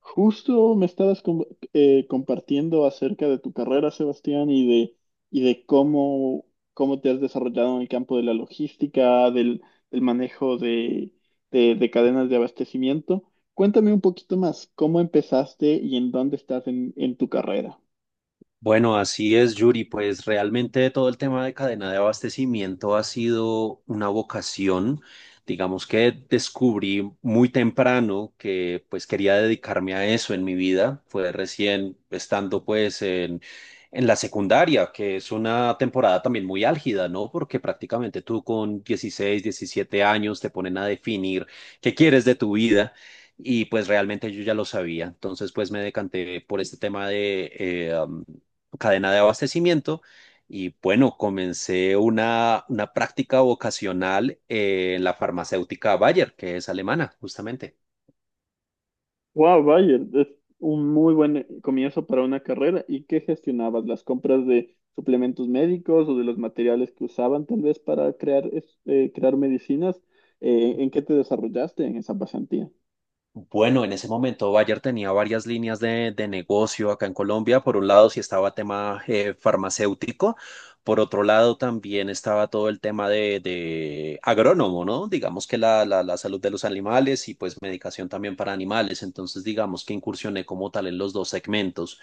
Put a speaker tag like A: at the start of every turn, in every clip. A: Justo me estabas com- Compartiendo acerca de tu carrera, Sebastián, y de cómo, cómo te has desarrollado en el campo de la logística, del manejo de cadenas de abastecimiento. Cuéntame un poquito más, ¿cómo empezaste y en dónde estás en tu carrera?
B: Bueno, así es, Yuri. Pues realmente todo el tema de cadena de abastecimiento ha sido una vocación. Digamos que descubrí muy temprano que pues quería dedicarme a eso en mi vida. Fue recién estando pues en la secundaria, que es una temporada también muy álgida, ¿no? Porque prácticamente tú con 16, 17 años te ponen a definir qué quieres de tu vida. Y pues realmente yo ya lo sabía. Entonces pues me decanté por este tema de cadena de abastecimiento. Y bueno, comencé una práctica vocacional en la farmacéutica Bayer, que es alemana, justamente.
A: Wow, vaya, es un muy buen comienzo para una carrera. ¿Y qué gestionabas? ¿Las compras de suplementos médicos o de los materiales que usaban tal vez para crear, crear medicinas? ¿En qué te desarrollaste en esa pasantía?
B: Bueno, en ese momento Bayer tenía varias líneas de negocio acá en Colombia. Por un lado, sí estaba tema farmacéutico. Por otro lado, también estaba todo el tema de agrónomo, ¿no? Digamos que la salud de los animales y pues medicación también para animales. Entonces, digamos que incursioné como tal en los dos segmentos.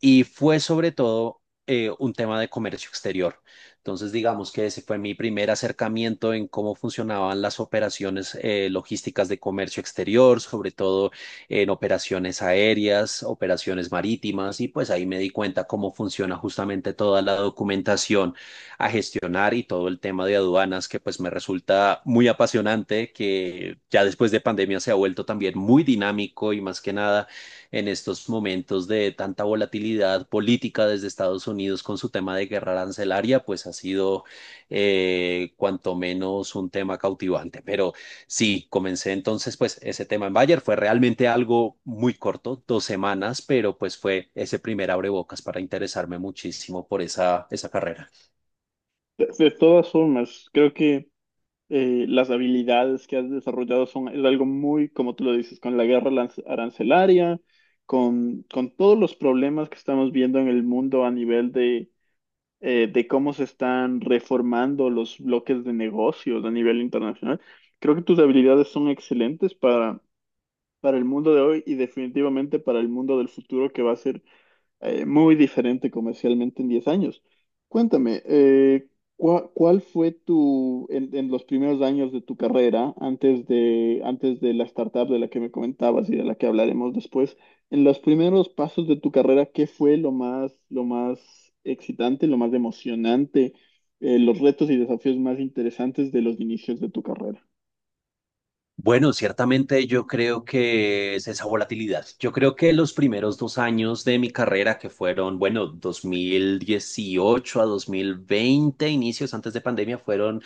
B: Y fue sobre todo un tema de comercio exterior. Entonces, digamos que ese fue mi primer acercamiento en cómo funcionaban las operaciones logísticas de comercio exterior, sobre todo en operaciones aéreas, operaciones marítimas, y pues ahí me di cuenta cómo funciona justamente toda la documentación a gestionar y todo el tema de aduanas que pues me resulta muy apasionante, que ya después de pandemia se ha vuelto también muy dinámico y más que nada en estos momentos de tanta volatilidad política desde Estados Unidos con su tema de guerra arancelaria, pues ha sido cuanto menos un tema cautivante. Pero sí, comencé entonces pues ese tema en Bayer. Fue realmente algo muy corto, 2 semanas, pero pues fue ese primer abrebocas para interesarme muchísimo por esa carrera.
A: De todas formas, creo que las habilidades que has desarrollado son es algo muy, como tú lo dices, con la arancelaria, con todos los problemas que estamos viendo en el mundo a nivel de cómo se están reformando los bloques de negocios a nivel internacional. Creo que tus habilidades son excelentes para el mundo de hoy y definitivamente para el mundo del futuro que va a ser muy diferente comercialmente en 10 años. Cuéntame, ¿cuál fue tu, en los primeros años de tu carrera, antes de la startup de la que me comentabas y de la que hablaremos después, en los primeros pasos de tu carrera, ¿qué fue lo más excitante, lo más emocionante, los retos y desafíos más interesantes de los inicios de tu carrera?
B: Bueno, ciertamente yo creo que es esa volatilidad. Yo creo que los primeros 2 años de mi carrera, que fueron, bueno, 2018 a 2020, inicios antes de pandemia, fueron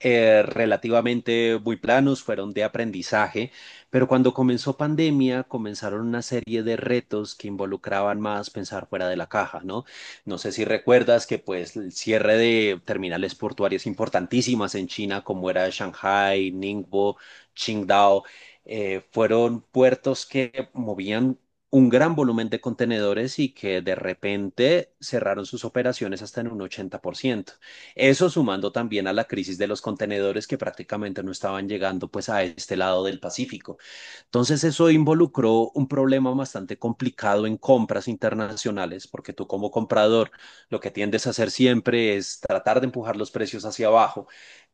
B: relativamente muy planos, fueron de aprendizaje, pero cuando comenzó pandemia comenzaron una serie de retos que involucraban más pensar fuera de la caja, ¿no? No sé si recuerdas que pues el cierre de terminales portuarias importantísimas en China como era Shanghai, Ningbo, Qingdao, fueron puertos que movían un gran volumen de contenedores y que de repente cerraron sus operaciones hasta en un 80%. Eso sumando también a la crisis de los contenedores que prácticamente no estaban llegando pues a este lado del Pacífico. Entonces eso involucró un problema bastante complicado en compras internacionales, porque tú como comprador lo que tiendes a hacer siempre es tratar de empujar los precios hacia abajo,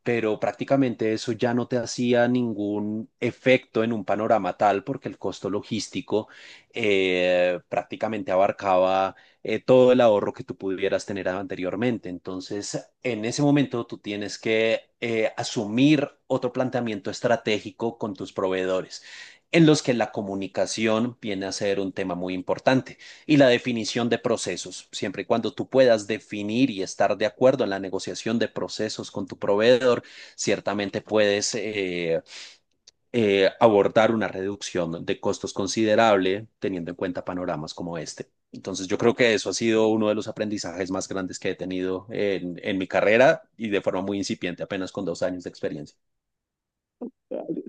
B: pero prácticamente eso ya no te hacía ningún efecto en un panorama tal, porque el costo logístico prácticamente abarcaba todo el ahorro que tú pudieras tener anteriormente. Entonces, en ese momento tú tienes que asumir otro planteamiento estratégico con tus proveedores en los que la comunicación viene a ser un tema muy importante y la definición de procesos. Siempre y cuando tú puedas definir y estar de acuerdo en la negociación de procesos con tu proveedor, ciertamente puedes abordar una reducción de costos considerable teniendo en cuenta panoramas como este. Entonces yo creo que eso ha sido uno de los aprendizajes más grandes que he tenido en, mi carrera y de forma muy incipiente, apenas con 2 años de experiencia.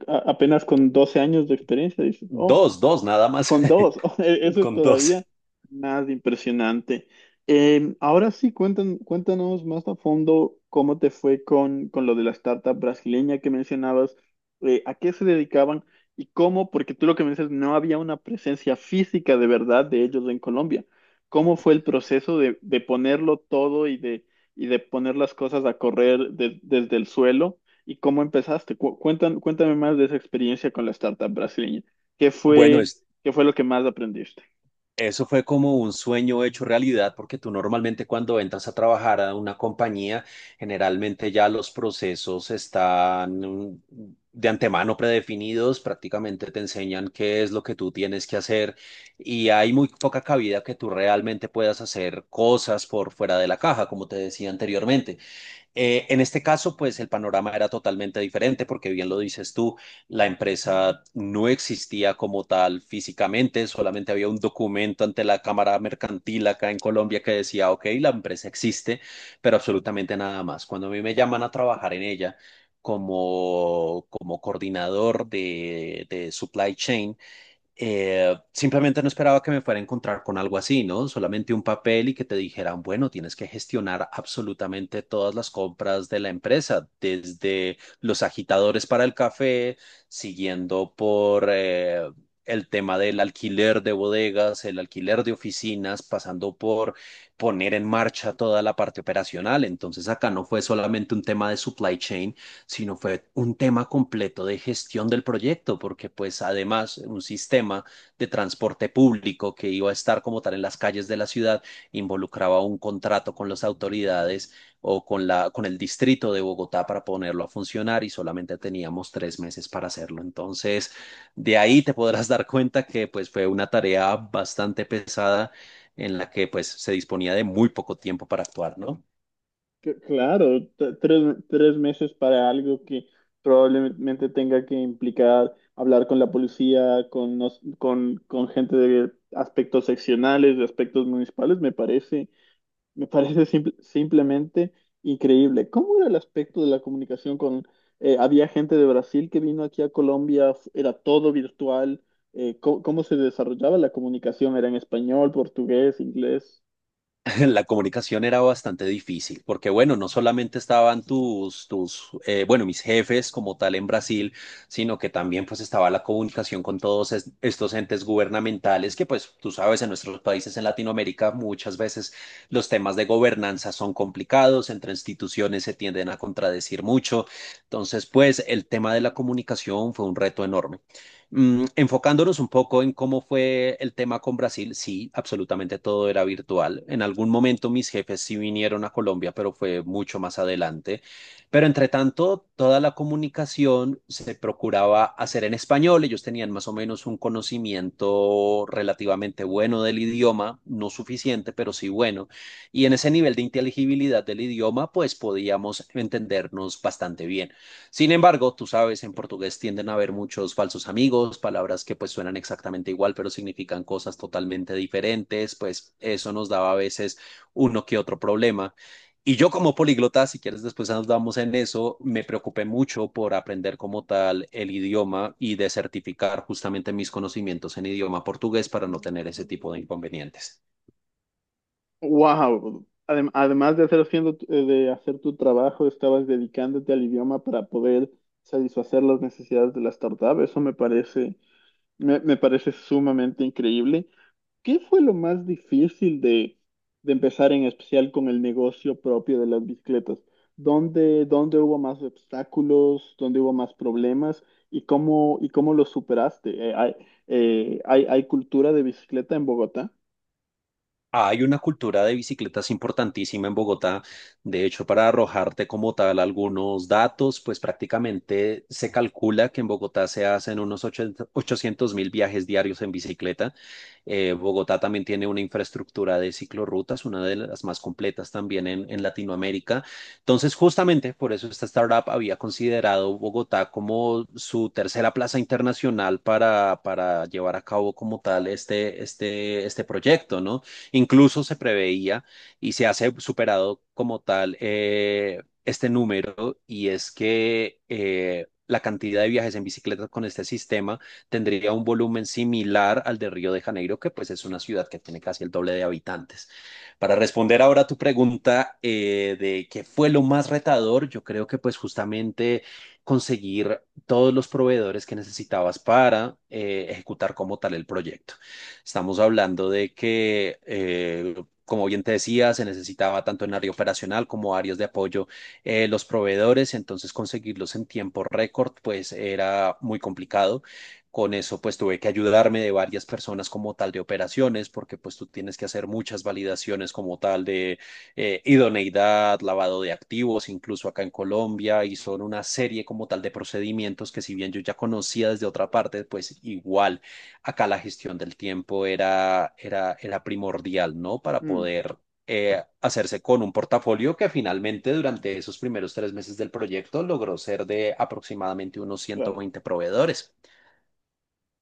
A: A- Apenas con 12 años de experiencia, dices, oh.
B: Dos, dos, nada más,
A: Con dos, eso es
B: con dos.
A: todavía más impresionante. Ahora sí, cuéntanos más a fondo cómo te fue con lo de la startup brasileña que mencionabas, a qué se dedicaban y cómo, porque tú lo que me dices, no había una presencia física de verdad de ellos en Colombia. ¿Cómo fue el proceso de ponerlo todo y de poner las cosas a correr desde el suelo? ¿Y cómo empezaste? Cuéntame más de esa experiencia con la startup brasileña. ¿Qué
B: Bueno,
A: fue?
B: es
A: ¿Qué fue lo que más aprendiste?
B: eso fue como un sueño hecho realidad, porque tú normalmente cuando entras a trabajar a una compañía, generalmente ya los procesos están de antemano predefinidos, prácticamente te enseñan qué es lo que tú tienes que hacer y hay muy poca cabida que tú realmente puedas hacer cosas por fuera de la caja, como te decía anteriormente. En este caso, pues el panorama era totalmente diferente porque bien lo dices tú, la empresa no existía como tal físicamente, solamente había un documento ante la Cámara Mercantil acá en Colombia que decía, ok, la empresa existe, pero absolutamente nada más. Cuando a mí me llaman a trabajar en ella como, coordinador de supply chain, simplemente no esperaba que me fuera a encontrar con algo así, ¿no? Solamente un papel y que te dijeran, bueno, tienes que gestionar absolutamente todas las compras de la empresa, desde los agitadores para el café, siguiendo por el tema del alquiler de bodegas, el alquiler de oficinas, pasando por poner en marcha toda la parte operacional. Entonces acá no fue solamente un tema de supply chain, sino fue un tema completo de gestión del proyecto, porque pues además un sistema de transporte público que iba a estar como tal en las calles de la ciudad involucraba un contrato con las autoridades o con con el distrito de Bogotá para ponerlo a funcionar y solamente teníamos 3 meses para hacerlo. Entonces, de ahí te podrás dar cuenta que pues fue una tarea bastante pesada en la que pues se disponía de muy poco tiempo para actuar, ¿no?
A: Claro, tres meses para algo que probablemente tenga que implicar hablar con la policía, con gente de aspectos seccionales, de aspectos municipales, me parece simplemente increíble. ¿Cómo era el aspecto de la comunicación con… había gente de Brasil que vino aquí a Colombia, era todo virtual. ¿ cómo se desarrollaba la comunicación? ¿Era en español, portugués, inglés?
B: La comunicación era bastante difícil, porque bueno, no solamente estaban bueno, mis jefes como tal en Brasil, sino que también pues estaba la comunicación con todos estos entes gubernamentales que pues tú sabes, en nuestros países en Latinoamérica muchas veces los temas de gobernanza son complicados, entre instituciones se tienden a contradecir mucho, entonces pues el tema de la comunicación fue un reto enorme. Enfocándonos un poco en cómo fue el tema con Brasil, sí, absolutamente todo era virtual. En algún momento mis jefes sí vinieron a Colombia, pero fue mucho más adelante. Pero entre tanto, toda la comunicación se procuraba hacer en español. Ellos tenían más o menos un conocimiento relativamente bueno del idioma, no suficiente, pero sí bueno. Y en ese nivel de inteligibilidad del idioma, pues podíamos entendernos bastante bien. Sin embargo, tú sabes, en portugués tienden a haber muchos falsos amigos, palabras que pues suenan exactamente igual, pero significan cosas totalmente diferentes, pues eso nos daba a veces uno que otro problema. Y yo como políglota, si quieres después andamos en eso, me preocupé mucho por aprender como tal el idioma y de certificar justamente mis conocimientos en idioma portugués para no tener ese tipo de inconvenientes.
A: Wow. Además de hacer, de hacer tu trabajo, estabas dedicándote al idioma para poder satisfacer las necesidades de la startup. Eso me parece, me parece sumamente increíble. ¿Qué fue lo más difícil de empezar en especial con el negocio propio de las bicicletas? ¿Dónde hubo más obstáculos? ¿Dónde hubo más problemas? ¿Y cómo los superaste? ¿ hay cultura de bicicleta en Bogotá?
B: Hay una cultura de bicicletas importantísima en Bogotá. De hecho, para arrojarte como tal algunos datos, pues prácticamente se calcula que en Bogotá se hacen unos 800 mil viajes diarios en bicicleta. Bogotá también tiene una infraestructura de ciclorrutas, una de las más completas también en Latinoamérica. Entonces, justamente por eso esta startup había considerado Bogotá como su tercera plaza internacional para, llevar a cabo como tal este proyecto, ¿no? Incluso se preveía y se ha superado como tal este número y es que la cantidad de viajes en bicicleta con este sistema tendría un volumen similar al de Río de Janeiro, que pues es una ciudad que tiene casi el doble de habitantes. Para responder ahora a tu pregunta de qué fue lo más retador, yo creo que pues justamente conseguir todos los proveedores que necesitabas para ejecutar como tal el proyecto. Estamos hablando de que, como bien te decía, se necesitaba tanto en área operacional como áreas de apoyo los proveedores, entonces conseguirlos en tiempo récord pues era muy complicado. Con eso pues tuve que ayudarme de varias personas como tal de operaciones, porque pues tú tienes que hacer muchas validaciones como tal de idoneidad, lavado de activos, incluso acá en Colombia, y son una serie como tal de procedimientos que si bien yo ya conocía desde otra parte, pues igual acá la gestión del tiempo era primordial, ¿no? Para
A: Mm,
B: poder hacerse con un portafolio que finalmente durante esos primeros 3 meses del proyecto logró ser de aproximadamente unos
A: claro.
B: 120 proveedores.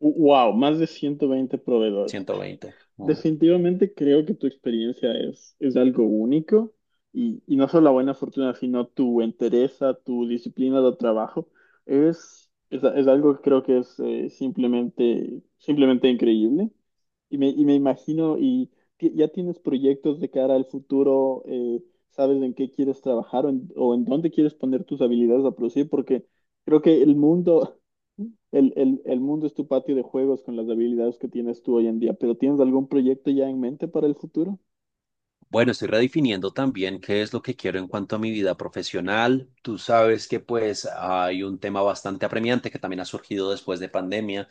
A: Wow, más de 120 proveedores.
B: 120. Mm.
A: Definitivamente creo que tu experiencia es algo único y no solo la buena fortuna, sino tu entereza, tu disciplina de trabajo. Es algo que creo que es simplemente, simplemente increíble. Y me imagino, y ya tienes proyectos de cara al futuro. ¿Sabes en qué quieres trabajar o en dónde quieres poner tus habilidades a producir? Porque creo que el mundo, el mundo es tu patio de juegos con las habilidades que tienes tú hoy en día, pero ¿tienes algún proyecto ya en mente para el futuro?
B: Bueno, estoy redefiniendo también qué es lo que quiero en cuanto a mi vida profesional. Tú sabes que pues hay un tema bastante apremiante que también ha surgido después de pandemia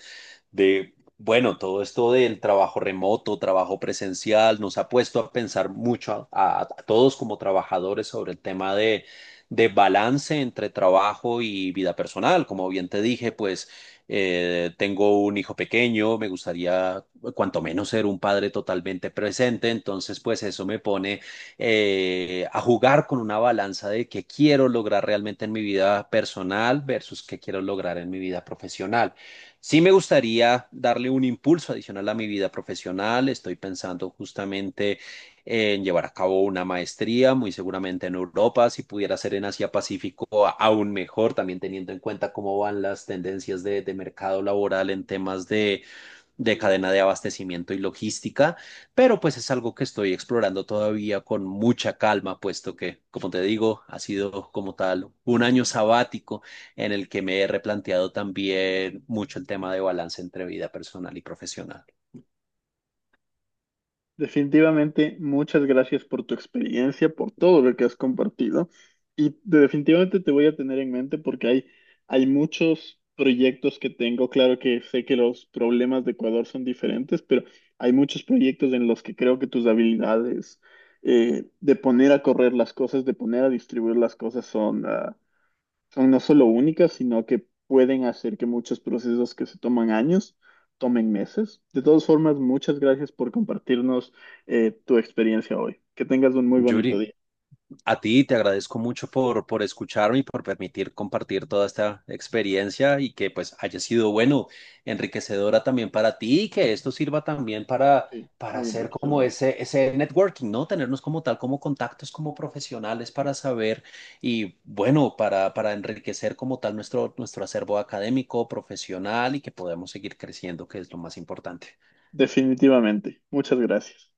B: de, bueno, todo esto del trabajo remoto, trabajo presencial, nos ha puesto a pensar mucho a, todos como trabajadores sobre el tema de balance entre trabajo y vida personal. Como bien te dije, pues tengo un hijo pequeño, me gustaría cuanto menos ser un padre totalmente presente, entonces pues eso me pone a jugar con una balanza de qué quiero lograr realmente en mi vida personal versus qué quiero lograr en mi vida profesional. Sí me gustaría darle un impulso adicional a mi vida profesional. Estoy pensando justamente en llevar a cabo una maestría, muy seguramente en Europa, si pudiera ser en Asia Pacífico, aún mejor, también teniendo en cuenta cómo van las tendencias de, mercado laboral en temas de cadena de abastecimiento y logística, pero pues es algo que estoy explorando todavía con mucha calma, puesto que, como te digo, ha sido como tal un año sabático en el que me he replanteado también mucho el tema de balance entre vida personal y profesional.
A: Definitivamente, muchas gracias por tu experiencia, por todo lo que has compartido. Y definitivamente te voy a tener en mente porque hay muchos proyectos que tengo. Claro que sé que los problemas de Ecuador son diferentes, pero hay muchos proyectos en los que creo que tus habilidades de poner a correr las cosas, de poner a distribuir las cosas son, ah, son no solo únicas, sino que pueden hacer que muchos procesos que se toman años tomen meses. De todas formas, muchas gracias por compartirnos tu experiencia hoy. Que tengas un muy
B: Yuri,
A: bonito día.
B: a ti te agradezco mucho por escucharme y por permitir compartir toda esta experiencia y que pues haya sido bueno, enriquecedora también para ti y que esto sirva también para,
A: Sí,
B: para
A: muy
B: hacer como
A: enriquecedor.
B: ese networking, ¿no? Tenernos como tal, como contactos, como profesionales para saber y bueno, para enriquecer como tal nuestro acervo académico, profesional y que podamos seguir creciendo, que es lo más importante.
A: Definitivamente. Muchas gracias.